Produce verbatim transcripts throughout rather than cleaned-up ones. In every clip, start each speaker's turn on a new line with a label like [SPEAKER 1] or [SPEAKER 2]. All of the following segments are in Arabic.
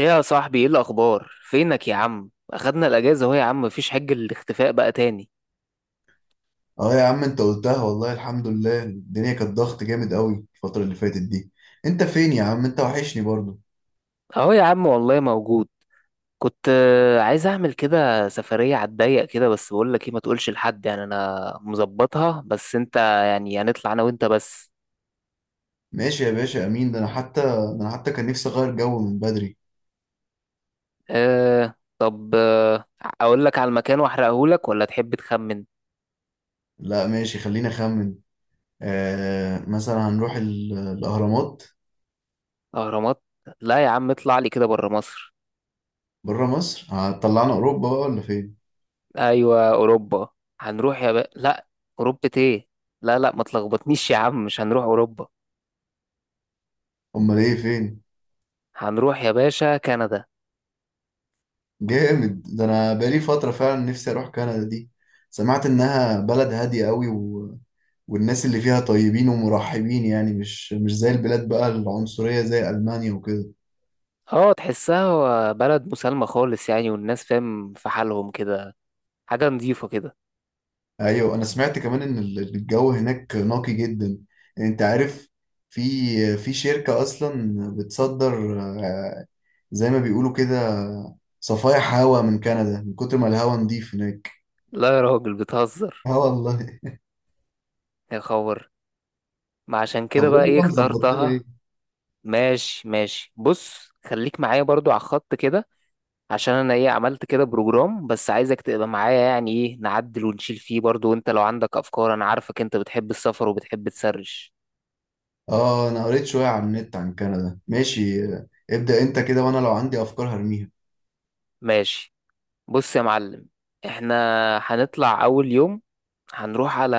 [SPEAKER 1] ايه يا صاحبي، ايه الاخبار؟ فينك يا عم؟ اخدنا الاجازه اهو يا عم، مفيش حج، الاختفاء بقى تاني.
[SPEAKER 2] اه يا عم، انت قلتها. والله الحمد لله، الدنيا كانت ضغط جامد قوي الفترة اللي فاتت دي. انت فين يا عم؟ انت وحشني برضو.
[SPEAKER 1] اهو يا عم والله موجود. كنت آه، عايز اعمل كده سفريه على الضيق كده، بس بقول لك ايه، ما تقولش لحد، يعني انا مظبطها بس انت، يعني هنطلع انا وانت بس.
[SPEAKER 2] ماشي يا باشا، امين. ده انا حتى ده انا حتى كان نفسي اغير جو من بدري.
[SPEAKER 1] أه، طب، آه، اقول لك على المكان واحرقه لك، ولا تحب تخمن؟
[SPEAKER 2] لا، ماشي، خلينا اخمن. آه مثلا هنروح ال- الاهرامات.
[SPEAKER 1] اهرامات. لا يا عم، اطلع لي كده بره مصر.
[SPEAKER 2] بره مصر؟ هتطلعنا اوروبا بقى ولا فين؟
[SPEAKER 1] ايوه، اوروبا. هنروح يا بقى، لا. اوروبا ايه؟ لا، لا، ما تلخبطنيش يا عم، مش هنروح اوروبا.
[SPEAKER 2] امال ايه، فين؟
[SPEAKER 1] هنروح يا باشا كندا.
[SPEAKER 2] جامد، ده انا بقالي فترة فعلا نفسي اروح كندا دي. سمعت انها بلد هادية قوي، والناس اللي فيها طيبين ومرحبين، يعني مش مش زي البلاد بقى العنصرية زي ألمانيا وكده.
[SPEAKER 1] اه، تحسها بلد مسالمة خالص يعني، والناس فاهم في حالهم كده. حاجة نظيفة كده.
[SPEAKER 2] أيوة، أنا سمعت كمان إن ال- الجو هناك نقي جدا. أنت عارف، في في شركة أصلا بتصدر، آه، زي ما بيقولوا كده، صفايح هوا من كندا، من كتر ما الهوا نضيف هناك.
[SPEAKER 1] لا يا راجل، بتهزر.
[SPEAKER 2] اه والله.
[SPEAKER 1] يا خبر. ما عشان
[SPEAKER 2] طب
[SPEAKER 1] كده بقى
[SPEAKER 2] قول لي
[SPEAKER 1] ايه
[SPEAKER 2] بقى، مظبط لنا
[SPEAKER 1] اخترتها.
[SPEAKER 2] ايه؟
[SPEAKER 1] ماشي، ماشي، بص خليك معايا برضو على الخط كده. عشان انا ايه عملت كده بروجرام، بس عايزك تبقى معايا، يعني ايه نعدل ونشيل فيه برضو، وانت لو عندك افكار انا عارفك انت بتحب السفر وبتحب تسرش.
[SPEAKER 2] اه، انا قريت شويه عن النت عن كندا. ماشي، آه، ابدأ انت كده، وانا لو عندي افكار هرميها.
[SPEAKER 1] ماشي. بص يا معلم. احنا هنطلع اول يوم، هنروح على،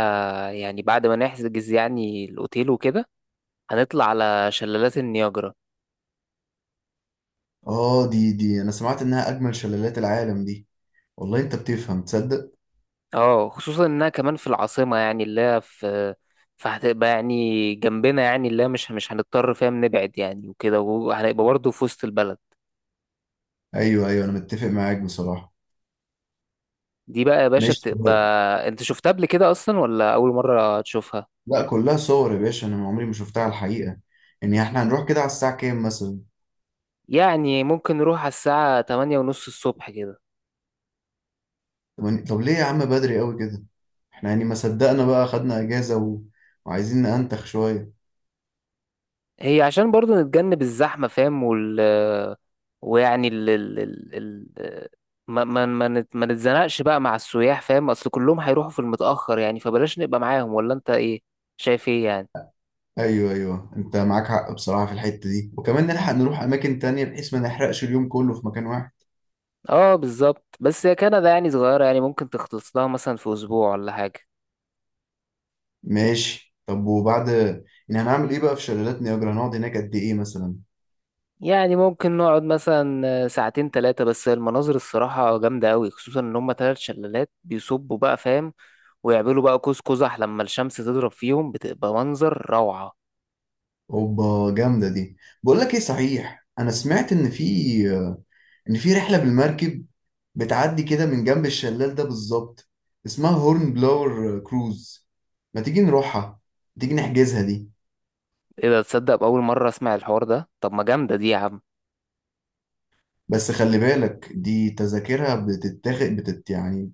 [SPEAKER 1] يعني بعد ما نحجز يعني الأوتيل وكده، هنطلع على شلالات النياجرا.
[SPEAKER 2] اه. دي دي انا سمعت انها اجمل شلالات العالم دي. والله انت بتفهم، تصدق؟
[SPEAKER 1] اه، خصوصا إنها كمان في العاصمة، يعني اللي هي في، فهتبقى يعني جنبنا، يعني اللي هي مش مش هنضطر فاهم نبعد يعني وكده، وهنبقى برضه في وسط البلد.
[SPEAKER 2] ايوه، ايوه، انا متفق معاك بصراحه.
[SPEAKER 1] دي بقى يا باشا
[SPEAKER 2] ماشي. طب-
[SPEAKER 1] بتبقى، انت شفتها قبل كده أصلا ولا أول مرة تشوفها؟
[SPEAKER 2] لا، كلها صور يا باشا، انا عمري ما شفتها على الحقيقه. يعني احنا هنروح كده على الساعه كام مثلا؟
[SPEAKER 1] يعني ممكن نروح على الساعة تمانية ونص الصبح كده.
[SPEAKER 2] طب طب ليه يا عم بدري قوي كده؟ احنا يعني ما صدقنا بقى، خدنا اجازه و... وعايزين ننتخ شويه.
[SPEAKER 1] هي عشان برضو نتجنب الزحمة فاهم، وال ويعني ال ال ال ال ما ما ما نت- ما نتزنقش بقى مع السياح، فاهم، اصل كلهم هيروحوا في المتأخر يعني، فبلاش نبقى معاهم، ولا انت ايه شايف ايه يعني؟
[SPEAKER 2] ايوه، ايوه، انت معاك حق بصراحه في الحته دي، وكمان نلحق نروح اماكن تانية بحيث ما نحرقش اليوم كله في مكان واحد.
[SPEAKER 1] اه بالظبط، بس هي كندا يعني صغيرة، يعني ممكن تخلص لها مثلا في اسبوع ولا حاجة.
[SPEAKER 2] ماشي. طب وبعد يعني هنعمل ايه بقى في شلالات نياجرا؟ هنقعد هناك قد ايه مثلا؟
[SPEAKER 1] يعني ممكن نقعد مثلا ساعتين ثلاثة، بس المناظر الصراحة جامدة أوي، خصوصا إن هما تلات شلالات بيصبوا بقى فاهم، ويعملوا بقى قوس قزح لما الشمس تضرب فيهم بتبقى منظر روعة.
[SPEAKER 2] اوبا، جامده دي. بقول لك ايه صحيح، انا سمعت ان في ان في رحله بالمركب بتعدي كده من جنب الشلال ده بالظبط، اسمها هورن بلاور كروز. ما تيجي نروحها؟ تيجي نحجزها دي؟
[SPEAKER 1] ايه ده؟ تصدق بأول مرة اسمع الحوار ده، طب ما جامدة دي يا عم.
[SPEAKER 2] بس خلي بالك، دي تذاكرها بتتاخد بتت يعني،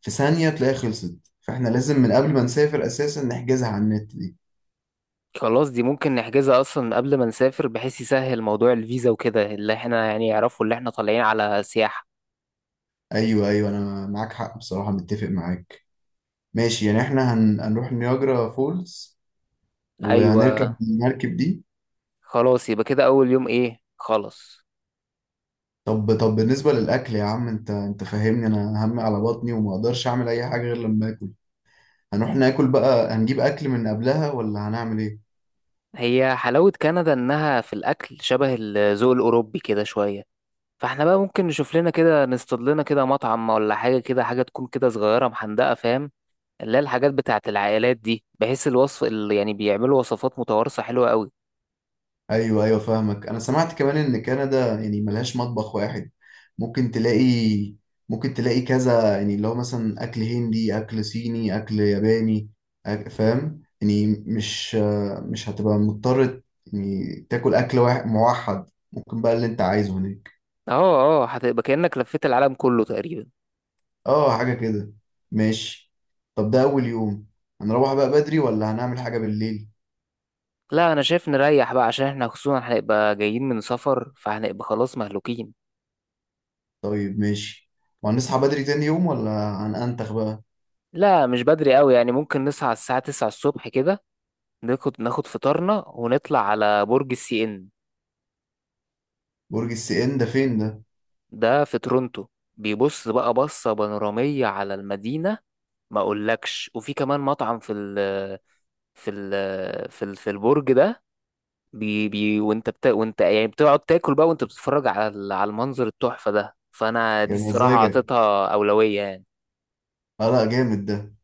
[SPEAKER 2] في ثانيه تلاقي خلصت، فاحنا لازم من قبل ما نسافر اساسا نحجزها على النت دي.
[SPEAKER 1] خلاص، دي ممكن نحجزها اصلا قبل ما نسافر، بحيث يسهل موضوع الفيزا وكده، اللي احنا يعني يعرفوا اللي احنا طالعين على سياحة.
[SPEAKER 2] ايوه، ايوه، انا معاك حق بصراحه، متفق معاك. ماشي، يعني احنا هن... هنروح نياجرا فولز وهنركب
[SPEAKER 1] ايوه.
[SPEAKER 2] المركب دي.
[SPEAKER 1] خلاص يبقى كده اول يوم ايه، خلاص.
[SPEAKER 2] طب طب بالنسبة للأكل يا عم، أنت أنت فاهمني، أنا همي على بطني وما أقدرش أعمل أي حاجة غير لما آكل. هنروح ناكل بقى، هنجيب أكل من قبلها ولا هنعمل إيه؟
[SPEAKER 1] هي حلاوة كندا انها في الاكل شبه الذوق الاوروبي كده شوية، فاحنا بقى ممكن نشوف لنا كده، نصطاد لنا كده مطعم ولا حاجة، كده حاجة تكون كده صغيرة محندقة فاهم، اللي هي الحاجات بتاعت العائلات دي، بحيث الوصف اللي يعني بيعملوا وصفات متوارثة حلوة قوي.
[SPEAKER 2] أيوه، أيوه، فاهمك. أنا سمعت كمان إن كندا يعني ملهاش مطبخ واحد. ممكن تلاقي ممكن تلاقي كذا، يعني اللي هو مثلا أكل هندي، أكل صيني، أكل ياباني. أك- فاهم؟ يعني مش مش هتبقى مضطر يعني تاكل أكل واحد موحد، ممكن بقى اللي أنت عايزه هناك.
[SPEAKER 1] اه، اه، هتبقى كأنك لفيت العالم كله تقريبا.
[SPEAKER 2] اه، حاجة كده. ماشي. طب ده أول يوم، هنروح بقى بدري ولا هنعمل حاجة بالليل؟
[SPEAKER 1] لا، انا شايف نريح بقى، عشان احنا خصوصا هنبقى جايين من سفر، فهنبقى خلاص مهلوكين.
[SPEAKER 2] طيب، ماشي. وهنصحى بدري تاني يوم ولا هنأنتخ بقى؟
[SPEAKER 1] لا مش بدري قوي يعني، ممكن نصحى على الساعة تسعة الصبح كده. ناخد ناخد فطارنا ونطلع على برج السي ان.
[SPEAKER 2] برج السي ان ده فين ده؟
[SPEAKER 1] ده في تورونتو. بيبص بقى بصة بانورامية على المدينة، ما اقولكش، وفي كمان مطعم في ال في ال في ال في البرج ده. بي بي وانت بت... وانت يعني بتقعد تاكل بقى، وانت بتتفرج على ال- على المنظر التحفة ده، فانا دي
[SPEAKER 2] يا
[SPEAKER 1] الصراحة
[SPEAKER 2] مزاجك.
[SPEAKER 1] اعطيتها أولوية يعني.
[SPEAKER 2] اه لا، جامد ده.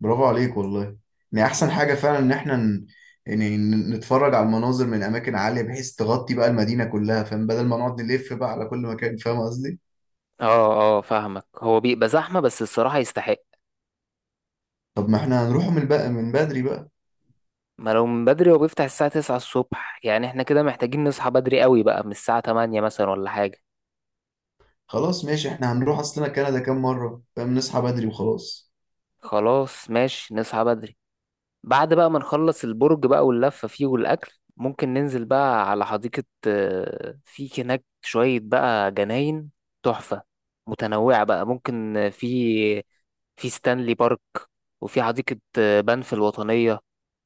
[SPEAKER 2] برافو عليك والله. يعني أحسن حاجة فعلا إن احنا ن- يعني ن- نتفرج على المناظر من أماكن عالية بحيث تغطي بقى المدينة كلها، فاهم، بدل ما نقعد نلف بقى على كل مكان، فاهم قصدي.
[SPEAKER 1] اه، اه، فاهمك، هو بيبقى زحمة بس الصراحة يستحق.
[SPEAKER 2] طب ما احنا هنروح من بقى من بدري بقى؟
[SPEAKER 1] ما لو من بدري، هو بيفتح الساعة تسعة الصبح، يعني احنا كده محتاجين نصحى بدري قوي بقى من الساعة تمانية مثلا ولا حاجة.
[SPEAKER 2] خلاص، ماشي، احنا هنروح. أصلنا كندا كام مرة فاهم، نصحى بدري وخلاص.
[SPEAKER 1] خلاص ماشي نصحى بدري. بعد بقى ما نخلص البرج بقى واللفة فيه والأكل، ممكن ننزل بقى على حديقة، آه، في هناك شوية بقى جناين تحفة متنوعة بقى، ممكن آه، في في ستانلي بارك، وفي حديقة آه، بنف الوطنية،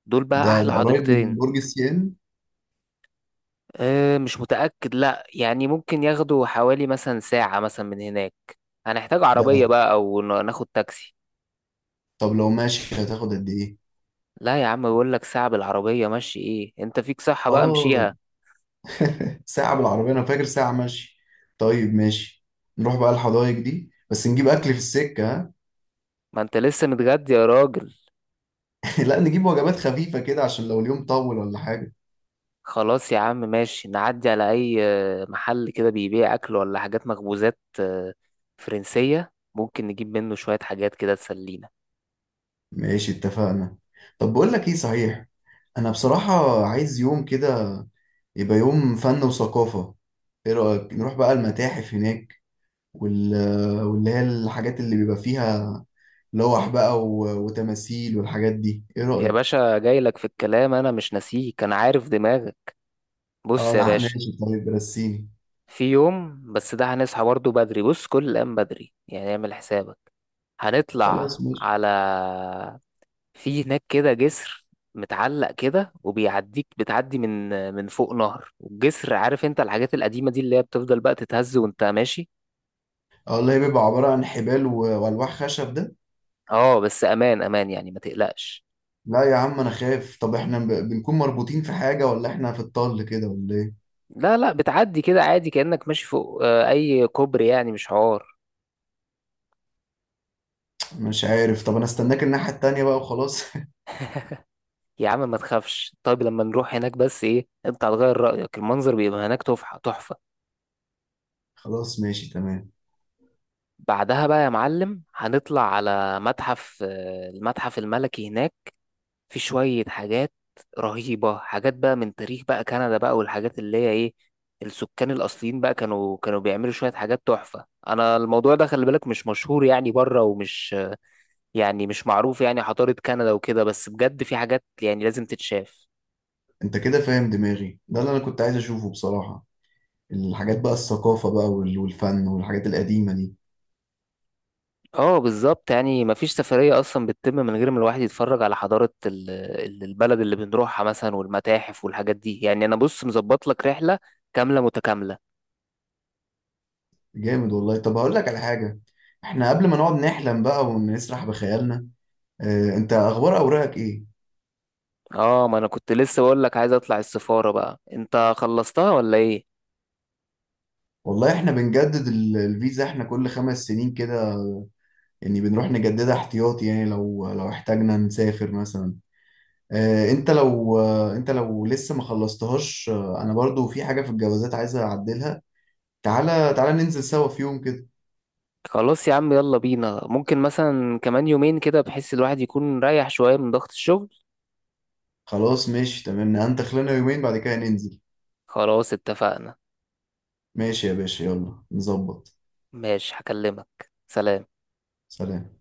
[SPEAKER 1] دول بقى
[SPEAKER 2] ده
[SPEAKER 1] أحلى
[SPEAKER 2] ده قريب من
[SPEAKER 1] حديقتين.
[SPEAKER 2] برج السي ان
[SPEAKER 1] أه مش متأكد، لأ يعني ممكن ياخدوا حوالي مثلا ساعة مثلا من هناك. هنحتاج
[SPEAKER 2] ده؟
[SPEAKER 1] عربية بقى، أو ن- ناخد تاكسي.
[SPEAKER 2] طب لو ماشي هتاخد قد ايه؟
[SPEAKER 1] لا يا عم، بقول لك ساعة بالعربية ماشي، إيه، أنت فيك صحة بقى
[SPEAKER 2] اه.
[SPEAKER 1] مشيها.
[SPEAKER 2] ساعة بالعربية، انا فاكر ساعة ماشي. طيب، ماشي. نروح بقى الحدائق دي، بس نجيب اكل في السكة. ها؟
[SPEAKER 1] ما انت لسه متغدي يا راجل.
[SPEAKER 2] لا، نجيب وجبات خفيفة كده عشان لو اليوم طول ولا حاجة.
[SPEAKER 1] خلاص يا عم ماشي، نعدي على اي آه، محل كده بيبيع اكل، ولا حاجات مخبوزات آه، فرنسية، ممكن نجيب منه شوية حاجات كده تسلينا.
[SPEAKER 2] ماشي، اتفقنا. طب بقول لك ايه صحيح، انا بصراحة عايز يوم كده يبقى يوم فن وثقافة. ايه رأيك نروح بقى المتاحف هناك وال... واللي هي الحاجات اللي بيبقى فيها، لوح بقى و... وتماثيل والحاجات دي، ايه
[SPEAKER 1] يا
[SPEAKER 2] رأيك؟
[SPEAKER 1] باشا جاي لك في الكلام، انا مش ناسيك، انا عارف دماغك.
[SPEAKER 2] اه
[SPEAKER 1] بص يا
[SPEAKER 2] انا
[SPEAKER 1] باشا.
[SPEAKER 2] ماشي، طيب رسيني.
[SPEAKER 1] في يوم، بس ده هنصحى برضه بدري، بص كل الأيام بدري يعني اعمل حسابك. هنطلع
[SPEAKER 2] خلاص ماشي.
[SPEAKER 1] على، في هناك كده جسر متعلق كده وبيعديك، بتعدي من آه، من فوق نهر، والجسر، عارف انت الحاجات القديمة دي اللي هي بتفضل بقى تتهز وانت ماشي.
[SPEAKER 2] اه والله، بيبقى عبارة عن حبال و... والواح خشب ده.
[SPEAKER 1] اه بس امان امان يعني، ما تقلقش.
[SPEAKER 2] لا يا عم انا خايف، طب احنا ب... بنكون مربوطين في حاجة ولا احنا في الطل كده ولا ايه؟
[SPEAKER 1] لا، لا، بتعدي كده عادي كأنك ماشي فوق آه، اي كوبري، يعني مش حوار.
[SPEAKER 2] مش عارف، طب انا استناك الناحية التانية بقى وخلاص.
[SPEAKER 1] يا عم ما تخافش، طيب لما نروح هناك بس ايه انت هتغير رأيك، المنظر بيبقى هناك تحفة تحفة.
[SPEAKER 2] خلاص ماشي تمام.
[SPEAKER 1] بعدها بقى يا معلم، هنطلع على متحف آه، المتحف الملكي هناك. في شوية حاجات رهيبة، حاجات بقى من تاريخ بقى كندا بقى، والحاجات اللي هي ايه، السكان الأصليين بقى كانوا كانوا بيعملوا شوية حاجات تحفة. أنا الموضوع ده خلي بالك مش مشهور يعني بره، ومش يعني مش معروف يعني حضارة كندا وكده، بس بجد في حاجات يعني لازم تتشاف.
[SPEAKER 2] انت كده فاهم دماغي، ده اللي انا كنت عايز اشوفه بصراحة. الحاجات بقى، الثقافة بقى وال... والفن والحاجات القديمة دي.
[SPEAKER 1] اه بالظبط يعني، مفيش سفرية أصلا بتتم من غير ما الواحد يتفرج على حضارة ال- ال- البلد اللي بنروحها مثلا، والمتاحف والحاجات دي يعني، أنا بص مظبط لك رحلة كاملة متكاملة.
[SPEAKER 2] جامد والله. طب هقول لك على حاجة، احنا قبل ما نقعد نحلم بقى ونسرح بخيالنا، آه، انت اخبار اوراقك ايه؟
[SPEAKER 1] اه، ما أنا كنت لسه بقول لك عايز أطلع السفارة بقى، أنت خلصتها ولا إيه؟
[SPEAKER 2] والله احنا بنجدد ال- الفيزا احنا كل خمس سنين كده، يعني بنروح نجددها احتياطي، يعني لو لو احتاجنا نسافر مثلا. آه، انت لو آه، انت لو لسه ما خلصتهاش، آه، انا برضو في حاجة في الجوازات عايز اعدلها. تعالى تعالى، ننزل سوا في يوم كده.
[SPEAKER 1] خلاص يا عم يلا بينا، ممكن مثلا كمان يومين كده، بحيث الواحد يكون رايح شوية من ضغط الشغل.
[SPEAKER 2] خلاص ماشي تمام، انت خلينا يومين بعد كده ننزل.
[SPEAKER 1] خلاص اتفقنا.
[SPEAKER 2] ماشي يا باشا، يلا نظبط.
[SPEAKER 1] ماشي هكلمك. سلام.
[SPEAKER 2] سلام.